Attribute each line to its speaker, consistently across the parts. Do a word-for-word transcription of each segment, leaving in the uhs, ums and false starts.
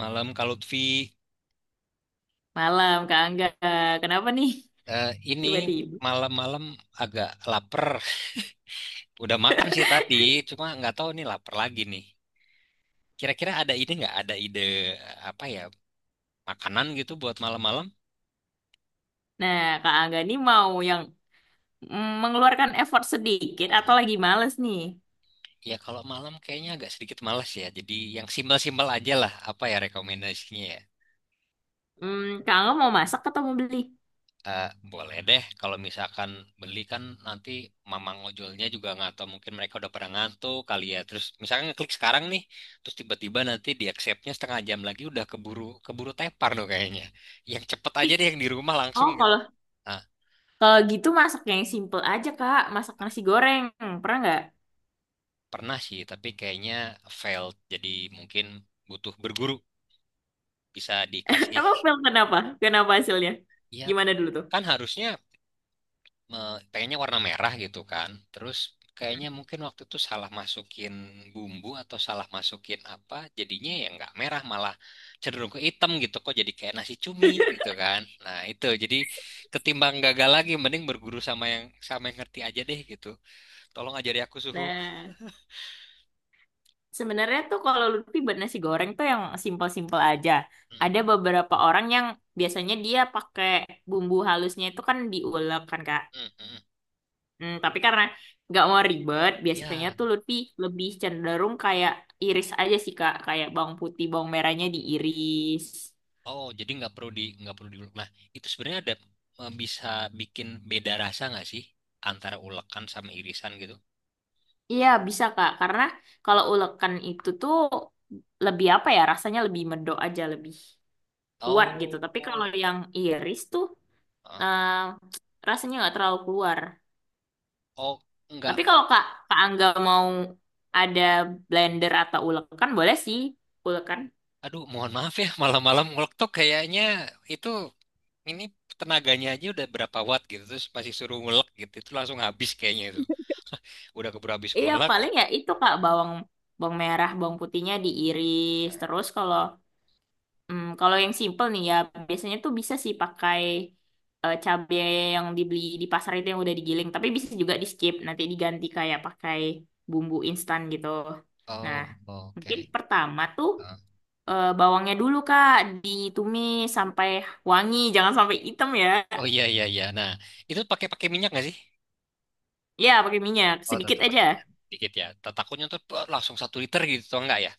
Speaker 1: Malam Kak Lutfi.
Speaker 2: Malam, Kak Angga. Kenapa nih?
Speaker 1: Eh, ini
Speaker 2: Tiba-tiba.
Speaker 1: malam-malam agak lapar. Udah makan sih tadi, cuma nggak tahu nih lapar lagi nih. Kira-kira ada ide nggak? Ada ide eh, apa ya makanan gitu buat malam-malam?
Speaker 2: Nah, Kak Angga nih mau yang mm, mengeluarkan effort sedikit atau
Speaker 1: Hmm,
Speaker 2: lagi males nih?
Speaker 1: ya kalau malam kayaknya agak sedikit malas ya. Jadi yang simpel-simpel aja lah. Apa ya rekomendasinya, ya?
Speaker 2: Hmm, Kak Angga mau masak atau mau beli?
Speaker 1: Eh, boleh deh, kalau misalkan beli kan nanti mamang ojolnya juga nggak tahu, mungkin mereka udah pernah ngantuk kali ya. Terus misalkan ngeklik sekarang nih, terus tiba-tiba nanti di accept-nya setengah jam lagi udah keburu keburu tepar dong kayaknya. Yang cepet aja deh yang di rumah langsung
Speaker 2: Oh,
Speaker 1: gitu.
Speaker 2: kalau
Speaker 1: Nah,
Speaker 2: kalau gitu masak yang simple aja, Kak. Masak nasi goreng. Pernah nggak?
Speaker 1: pernah sih, tapi kayaknya failed. Jadi mungkin butuh berguru bisa dikasih.
Speaker 2: Emang Phil kenapa? Kenapa hasilnya?
Speaker 1: Ya,
Speaker 2: Gimana dulu tuh?
Speaker 1: kan harusnya me- pengennya warna merah gitu kan. Terus kayaknya mungkin waktu itu salah masukin bumbu atau salah masukin apa, jadinya ya nggak merah, malah cenderung ke hitam gitu, kok jadi kayak nasi cumi gitu kan. Nah, itu jadi ketimbang gagal lagi mending berguru sama yang sama yang ngerti aja deh gitu. Tolong ajari aku, suhu.
Speaker 2: Nah, sebenarnya tuh kalau Lutfi buat nasi goreng tuh yang simple-simple aja.
Speaker 1: Mm,
Speaker 2: Ada beberapa orang yang biasanya dia pakai bumbu halusnya itu kan diulek kan, Kak.
Speaker 1: mm, mm.
Speaker 2: Hmm, tapi karena nggak mau ribet, biasanya
Speaker 1: Ya,
Speaker 2: tuh Lutfi lebih cenderung kayak iris aja sih Kak, kayak bawang putih, bawang merahnya diiris.
Speaker 1: oh jadi nggak perlu di nggak perlu diulek. Nah, itu sebenarnya ada eh, bisa bikin beda rasa nggak sih antara ulekan sama irisan gitu?
Speaker 2: Iya bisa Kak, karena kalau ulekan itu tuh lebih apa ya, rasanya lebih medok aja, lebih kuat gitu. Tapi kalau
Speaker 1: Oh,
Speaker 2: yang iris tuh
Speaker 1: oh.
Speaker 2: eh, rasanya nggak terlalu keluar.
Speaker 1: Oh, enggak.
Speaker 2: Tapi kalau Kak, Kak Angga mau ada blender atau ulekan boleh sih, ulekan.
Speaker 1: Aduh, mohon maaf ya, malam-malam ngulek tuh kayaknya itu ini tenaganya aja udah berapa watt gitu, terus masih suruh ngulek gitu, itu langsung habis kayaknya itu. Udah keburu habis
Speaker 2: Iya
Speaker 1: ngulek.
Speaker 2: paling ya itu Kak bawang bawang merah, bawang putihnya diiris. Terus kalau mm, kalau yang simple nih ya biasanya tuh bisa sih pakai eh, cabai yang dibeli di pasar itu yang udah digiling, tapi bisa juga di skip nanti diganti kayak pakai bumbu instan gitu. Nah,
Speaker 1: Oh, oke.
Speaker 2: mungkin pertama tuh
Speaker 1: Ah.
Speaker 2: eh, bawangnya dulu Kak ditumis sampai wangi, jangan sampai hitam ya.
Speaker 1: Oh, iya iya iya. Nah, itu pakai pakai minyak nggak sih?
Speaker 2: Ya, pakai minyak
Speaker 1: Oh,
Speaker 2: sedikit
Speaker 1: tetap
Speaker 2: aja.
Speaker 1: pakai minyak. Dikit ya. Takutnya tuh bah, langsung satu liter gitu, atau enggak ya?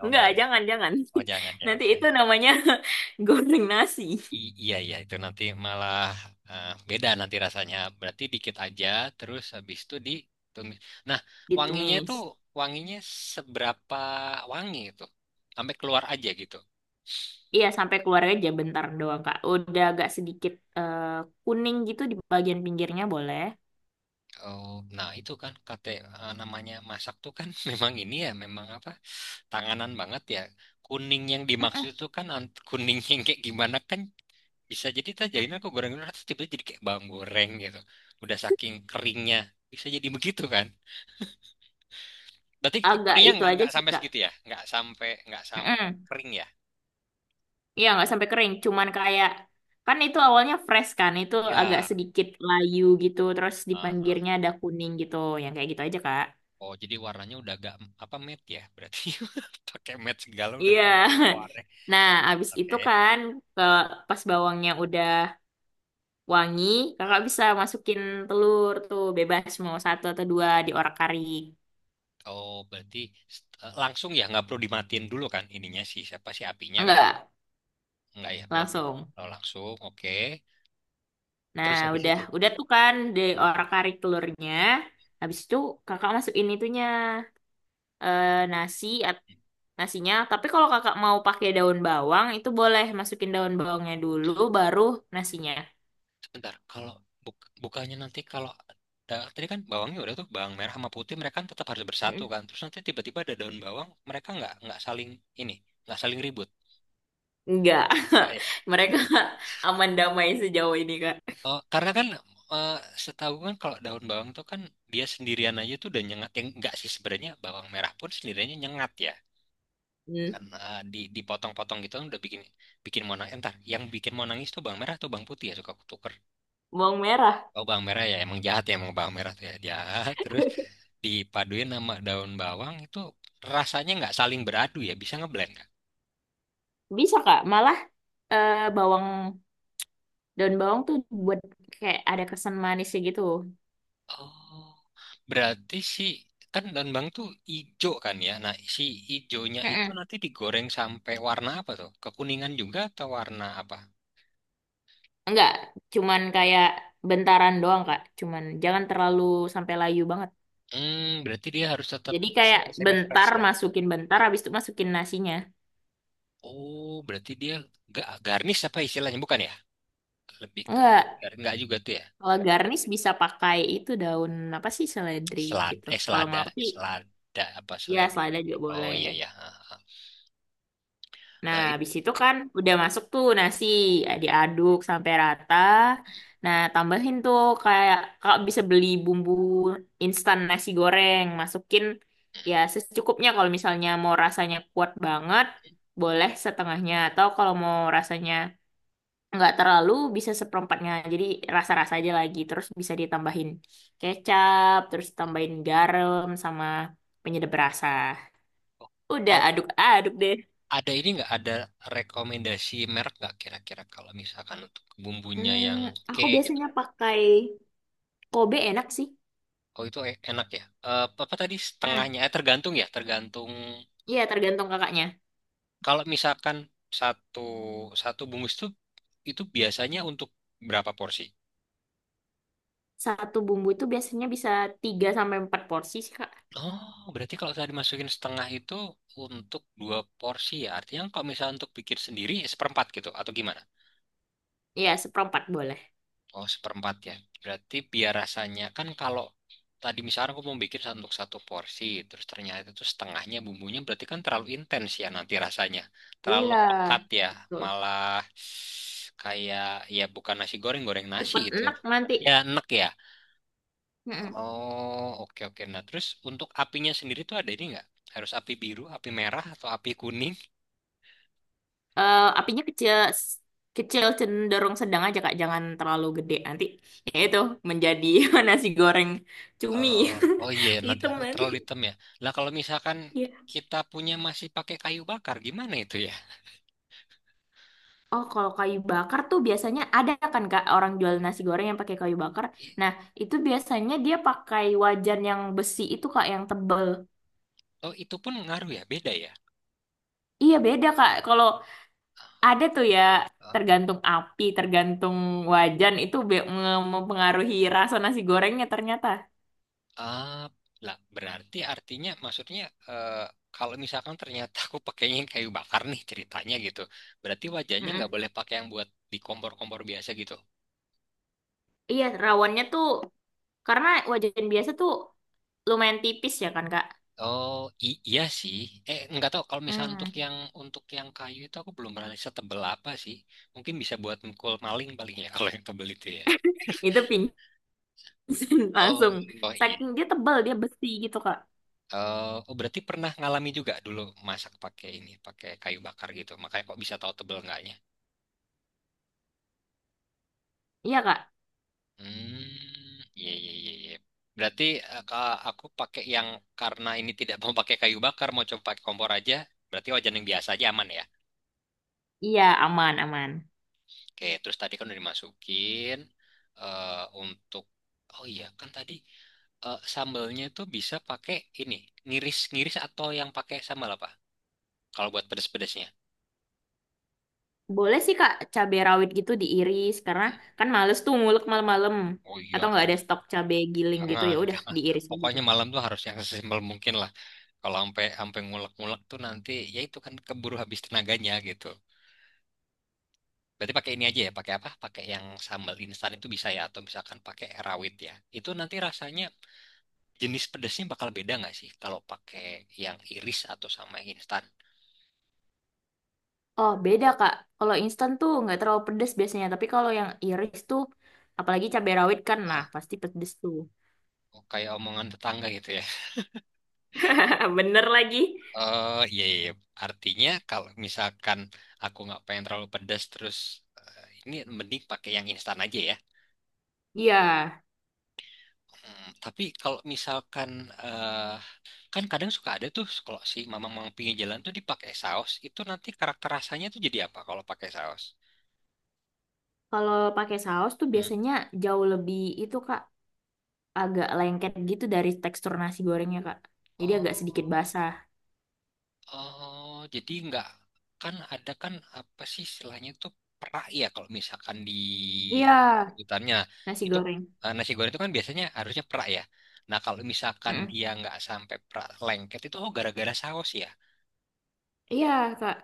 Speaker 1: Oh,
Speaker 2: Enggak,
Speaker 1: enggak ya.
Speaker 2: jangan, jangan.
Speaker 1: Oh, jangan ya,
Speaker 2: Nanti
Speaker 1: oke.
Speaker 2: itu namanya goreng nasi.
Speaker 1: I- iya iya itu nanti malah eh, beda nanti rasanya. Berarti dikit aja terus habis itu ditumis. Nah, wanginya itu
Speaker 2: Ditumis.
Speaker 1: wanginya seberapa wangi itu? Sampai keluar aja gitu.
Speaker 2: Iya, sampai keluar aja bentar doang, Kak. Udah agak sedikit eh, kuning gitu di bagian pinggirnya boleh.
Speaker 1: Oh, nah itu kan kate eh, namanya masak tuh kan memang ini ya, memang apa? Tanganan banget ya. Kuning yang
Speaker 2: Mm-mm.
Speaker 1: dimaksud itu kan ant- kuning yang kayak gimana kan, bisa jadi tak jadinya aku goreng-goreng terus tiba-tiba jadi kayak bawang goreng gitu. Udah saking keringnya bisa jadi begitu kan? Berarti
Speaker 2: Agak
Speaker 1: kuningnya
Speaker 2: itu
Speaker 1: nggak
Speaker 2: aja
Speaker 1: nggak
Speaker 2: sih,
Speaker 1: sampai
Speaker 2: Kak.
Speaker 1: segitu ya? Nggak sampai nggak sampai
Speaker 2: Mm-mm.
Speaker 1: kering ya?
Speaker 2: Iya, nggak sampai kering. Cuman kayak, kan itu awalnya fresh kan. Itu agak
Speaker 1: Ya.
Speaker 2: sedikit layu gitu. Terus di
Speaker 1: Ah, ah.
Speaker 2: pinggirnya ada kuning gitu. Yang kayak gitu aja, Kak.
Speaker 1: Oh, jadi warnanya udah agak apa, matte ya? Berarti pakai matte segala udah
Speaker 2: Iya.
Speaker 1: kayak pewarna.
Speaker 2: Nah, abis
Speaker 1: Oke.
Speaker 2: itu kan ke pas bawangnya udah wangi,
Speaker 1: Hmm.
Speaker 2: kakak bisa masukin telur tuh bebas mau satu atau dua di orak arik.
Speaker 1: Oh, berarti eh, langsung ya, nggak perlu dimatiin dulu kan ininya sih, siapa sih, apinya kan?
Speaker 2: Enggak.
Speaker 1: Nggak ya berarti.
Speaker 2: Langsung.
Speaker 1: Oh, langsung. Oke.
Speaker 2: Nah,
Speaker 1: Terus habis
Speaker 2: udah
Speaker 1: itu.
Speaker 2: udah tuh kan di
Speaker 1: Hmm.
Speaker 2: orak-arik telurnya. Habis itu kakak masukin itunya eh, nasi at- nasinya. Tapi kalau kakak mau pakai daun bawang itu boleh masukin daun bawangnya dulu baru nasinya.
Speaker 1: Sebentar, kalau buk- bukannya nanti kalau da- tadi kan bawangnya udah tuh, bawang merah sama putih mereka kan tetap harus bersatu
Speaker 2: Mm.
Speaker 1: kan. Terus nanti tiba-tiba ada daun bawang, mereka nggak nggak saling ini nggak saling ribut.
Speaker 2: Enggak.
Speaker 1: Enggak ya?
Speaker 2: Mereka aman damai sejauh ini, Kak.
Speaker 1: Oh, karena kan eh, setahu kan kalau daun bawang tuh kan dia sendirian aja tuh udah nyengat, yang nggak sih sebenarnya, bawang merah pun sendiriannya nyengat ya
Speaker 2: Hmm.
Speaker 1: karena di dipotong-potong gitu kan udah bikin bikin mau nangis entar, yang bikin mau nangis tuh bawang merah atau bawang putih ya, suka kutuker.
Speaker 2: Bawang merah.
Speaker 1: Oh, bawang merah ya, emang jahat ya, emang bawang merah tuh ya jahat. Terus dipaduin sama daun bawang itu rasanya nggak saling beradu ya, bisa ngeblend nggak?
Speaker 2: Bisa, Kak. Malah eh, bawang daun bawang tuh buat kayak ada kesan manisnya gitu.
Speaker 1: Oh, berarti si kan daun bawang tuh ijo kan ya. Nah, si ijonya itu
Speaker 2: Mm-mm.
Speaker 1: nanti digoreng sampai warna apa tuh? Kekuningan juga atau warna apa?
Speaker 2: Enggak, cuman kayak bentaran doang, Kak. Cuman jangan terlalu sampai layu banget.
Speaker 1: Hmm, berarti dia harus tetap
Speaker 2: Jadi kayak
Speaker 1: semi semi fresh
Speaker 2: bentar
Speaker 1: ya.
Speaker 2: masukin bentar habis itu masukin nasinya.
Speaker 1: Oh, berarti dia gak garnish, apa istilahnya bukan ya? Lebih ke buat
Speaker 2: Enggak.
Speaker 1: gar- nggak juga tuh ya?
Speaker 2: Kalau garnish bisa pakai itu daun apa sih seledri
Speaker 1: Selada,
Speaker 2: gitu.
Speaker 1: eh
Speaker 2: Kalau
Speaker 1: selada,
Speaker 2: mau sih
Speaker 1: selada apa
Speaker 2: ya
Speaker 1: selada
Speaker 2: selada
Speaker 1: gitu.
Speaker 2: juga
Speaker 1: Oh
Speaker 2: boleh.
Speaker 1: iya ya. Ha, ha.
Speaker 2: Nah,
Speaker 1: Nah, itu
Speaker 2: habis itu kan udah masuk tuh nasi, ya, diaduk sampai rata. Nah, tambahin tuh kayak kakak bisa beli bumbu instan nasi goreng, masukin ya secukupnya kalau misalnya mau rasanya kuat banget, boleh setengahnya atau kalau mau rasanya nggak terlalu bisa seperempatnya. Jadi rasa-rasa aja lagi, terus bisa ditambahin kecap, terus tambahin garam sama penyedap rasa. Udah
Speaker 1: Al-
Speaker 2: aduk-aduk deh.
Speaker 1: ada ini nggak, ada rekomendasi merek nggak kira-kira kalau misalkan untuk bumbunya
Speaker 2: Hmm,
Speaker 1: yang oke
Speaker 2: aku
Speaker 1: gitu.
Speaker 2: biasanya pakai Kobe enak sih.
Speaker 1: Oh itu e- enak ya. Eh, apa tadi
Speaker 2: Hmm,
Speaker 1: setengahnya? Eh, tergantung ya, tergantung.
Speaker 2: iya tergantung kakaknya.
Speaker 1: Kalau misalkan satu satu bungkus itu itu biasanya untuk berapa porsi?
Speaker 2: Satu bumbu itu biasanya bisa tiga sampai empat porsi sih, Kak.
Speaker 1: Oh, berarti kalau saya dimasukin setengah itu untuk dua porsi ya. Artinya kalau misalnya untuk bikin sendiri seperempat gitu atau gimana?
Speaker 2: Iya, seperempat boleh.
Speaker 1: Oh, seperempat ya. Berarti biar rasanya kan, kalau tadi misalnya aku mau bikin satu- untuk satu porsi, terus ternyata itu setengahnya bumbunya berarti kan terlalu intens ya nanti rasanya. Terlalu
Speaker 2: Iya.
Speaker 1: pekat ya,
Speaker 2: Betul.
Speaker 1: malah kayak ya bukan nasi goreng, goreng nasi
Speaker 2: Cepet
Speaker 1: gitu.
Speaker 2: enak nanti.
Speaker 1: Ya enek ya.
Speaker 2: Mm-mm.
Speaker 1: Oh, oke oke. Nah, terus untuk apinya sendiri tuh ada ini nggak? Harus api biru, api merah, atau api kuning?
Speaker 2: Eh, apinya kecil kecil cenderung sedang aja Kak, jangan terlalu gede nanti. Ya itu menjadi nasi goreng cumi.
Speaker 1: Eh, oh iya, nanti
Speaker 2: Hitam nanti.
Speaker 1: terlalu hitam ya. Lah kalau misalkan
Speaker 2: Iya.
Speaker 1: kita punya masih pakai kayu bakar, gimana itu ya?
Speaker 2: Oh, kalau kayu bakar tuh biasanya ada kan Kak orang jual nasi goreng yang pakai kayu bakar.
Speaker 1: I-
Speaker 2: Nah, itu biasanya dia pakai wajan yang besi itu Kak yang tebel.
Speaker 1: Oh, itu pun ngaruh ya, beda ya.
Speaker 2: Iya beda Kak. Kalau ada tuh ya
Speaker 1: Ah,
Speaker 2: tergantung api, tergantung wajan itu be- nge- mempengaruhi rasa nasi gorengnya ternyata.
Speaker 1: ah, lah berarti artinya maksudnya eh, kalau misalkan ternyata aku pakainya yang kayu bakar nih ceritanya gitu. Berarti wajahnya nggak
Speaker 2: Mm-mm.
Speaker 1: boleh pakai yang buat di kompor-kompor biasa gitu.
Speaker 2: Iya, rawannya tuh karena wajan biasa tuh lumayan tipis ya kan Kak.
Speaker 1: Oh, i- iya sih. Eh, nggak tahu kalau misalnya untuk
Speaker 2: Hmm.
Speaker 1: yang untuk yang kayu itu aku belum pernah riset tebel apa sih. Mungkin bisa buat mukul maling paling ya kalau yang tebel itu ya.
Speaker 2: Itu pingsan
Speaker 1: Oh,
Speaker 2: langsung.
Speaker 1: oh iya.
Speaker 2: Saking dia tebel, dia besi gitu Kak.
Speaker 1: Eh, oh berarti pernah ngalami juga dulu masak pakai ini, pakai kayu bakar gitu. Makanya kok bisa tahu tebel enggaknya.
Speaker 2: Iya Kak.
Speaker 1: Hmm, iya iya iya iya. Berarti eh, ka- aku pakai yang, karena ini tidak mau pakai kayu bakar, mau coba pakai kompor aja. Berarti wajan yang biasa aja aman ya.
Speaker 2: Iya, aman, aman.
Speaker 1: Oke, terus tadi kan udah dimasukin eh untuk oh iya, kan tadi eh, sambalnya tuh bisa pakai ini, ngiris-ngiris atau yang pakai sambal apa? Kalau buat pedes-pedesnya.
Speaker 2: Boleh sih Kak, cabai rawit gitu diiris karena
Speaker 1: Hmm.
Speaker 2: kan males tuh ngulek malam-malam
Speaker 1: Oh iya,
Speaker 2: atau
Speaker 1: kan.
Speaker 2: nggak ada stok cabai giling gitu
Speaker 1: Jangan,
Speaker 2: ya udah
Speaker 1: jangan.
Speaker 2: diiris aja
Speaker 1: Pokoknya
Speaker 2: Kak.
Speaker 1: malam tuh harus yang sesimpel mungkin lah. Kalau sampai sampai ngulek-ngulek tuh nanti ya itu kan keburu habis tenaganya gitu. Berarti pakai ini aja ya, pakai apa? Pakai yang sambal instan itu bisa ya atau misalkan pakai rawit ya. Itu nanti rasanya, jenis pedesnya bakal beda nggak sih kalau pakai yang iris atau sama yang instan?
Speaker 2: Oh, beda Kak. Kalau instan tuh nggak terlalu pedes biasanya, tapi kalau yang iris tuh apalagi cabai rawit kan nah
Speaker 1: Ah,
Speaker 2: pasti pedes tuh.
Speaker 1: oh, kayak omongan tetangga gitu ya.
Speaker 2: Bener lagi.
Speaker 1: Eh, iya, iya. Iya. Artinya kalau misalkan aku nggak pengen terlalu pedas, terus eh, ini mending pakai yang instan aja ya.
Speaker 2: Iya,
Speaker 1: Hmm, tapi kalau misalkan eh, kan kadang suka ada tuh kalau si mamang-mamang pinggir jalan tuh dipakai saus, itu nanti karakter rasanya tuh jadi apa kalau pakai saus?
Speaker 2: kalau pakai saus tuh
Speaker 1: Hmm.
Speaker 2: biasanya jauh lebih itu Kak, agak lengket gitu dari tekstur nasi gorengnya Kak. Jadi agak sedikit
Speaker 1: Oh,
Speaker 2: basah.
Speaker 1: oh, jadi nggak, kan ada kan apa sih istilahnya tuh perak ya kalau misalkan di
Speaker 2: Iya,
Speaker 1: hutannya
Speaker 2: nasi
Speaker 1: itu
Speaker 2: goreng.
Speaker 1: eh, nasi goreng itu kan biasanya harusnya perak ya. Nah kalau misalkan
Speaker 2: Mm-mm.
Speaker 1: dia nggak sampai perak lengket itu, oh gara-gara saus ya.
Speaker 2: Iya Kak.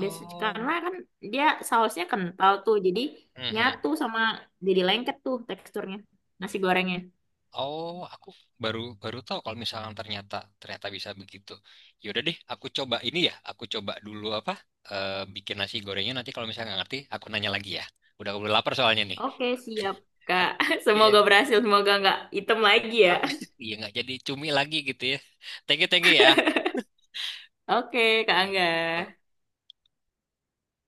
Speaker 2: Biasa, karena kan dia sausnya kental tuh, jadi
Speaker 1: mhm.
Speaker 2: nyatu sama jadi lengket tuh teksturnya nasi gorengnya.
Speaker 1: Oh, aku baru baru tahu kalau misalnya ternyata ternyata bisa begitu. Yaudah deh, aku coba ini ya. Aku coba dulu apa eh, bikin nasi gorengnya. Nanti kalau misalnya nggak ngerti, aku nanya lagi ya. Udah udah lapar soalnya nih.
Speaker 2: Oke, siap,
Speaker 1: Ap-
Speaker 2: Kak.
Speaker 1: Iya,
Speaker 2: Semoga berhasil, semoga nggak hitam lagi ya.
Speaker 1: apa? Iya nggak jadi cumi lagi gitu ya. Thank you, thank you ya.
Speaker 2: Oke, Kak Angga.
Speaker 1: Ya.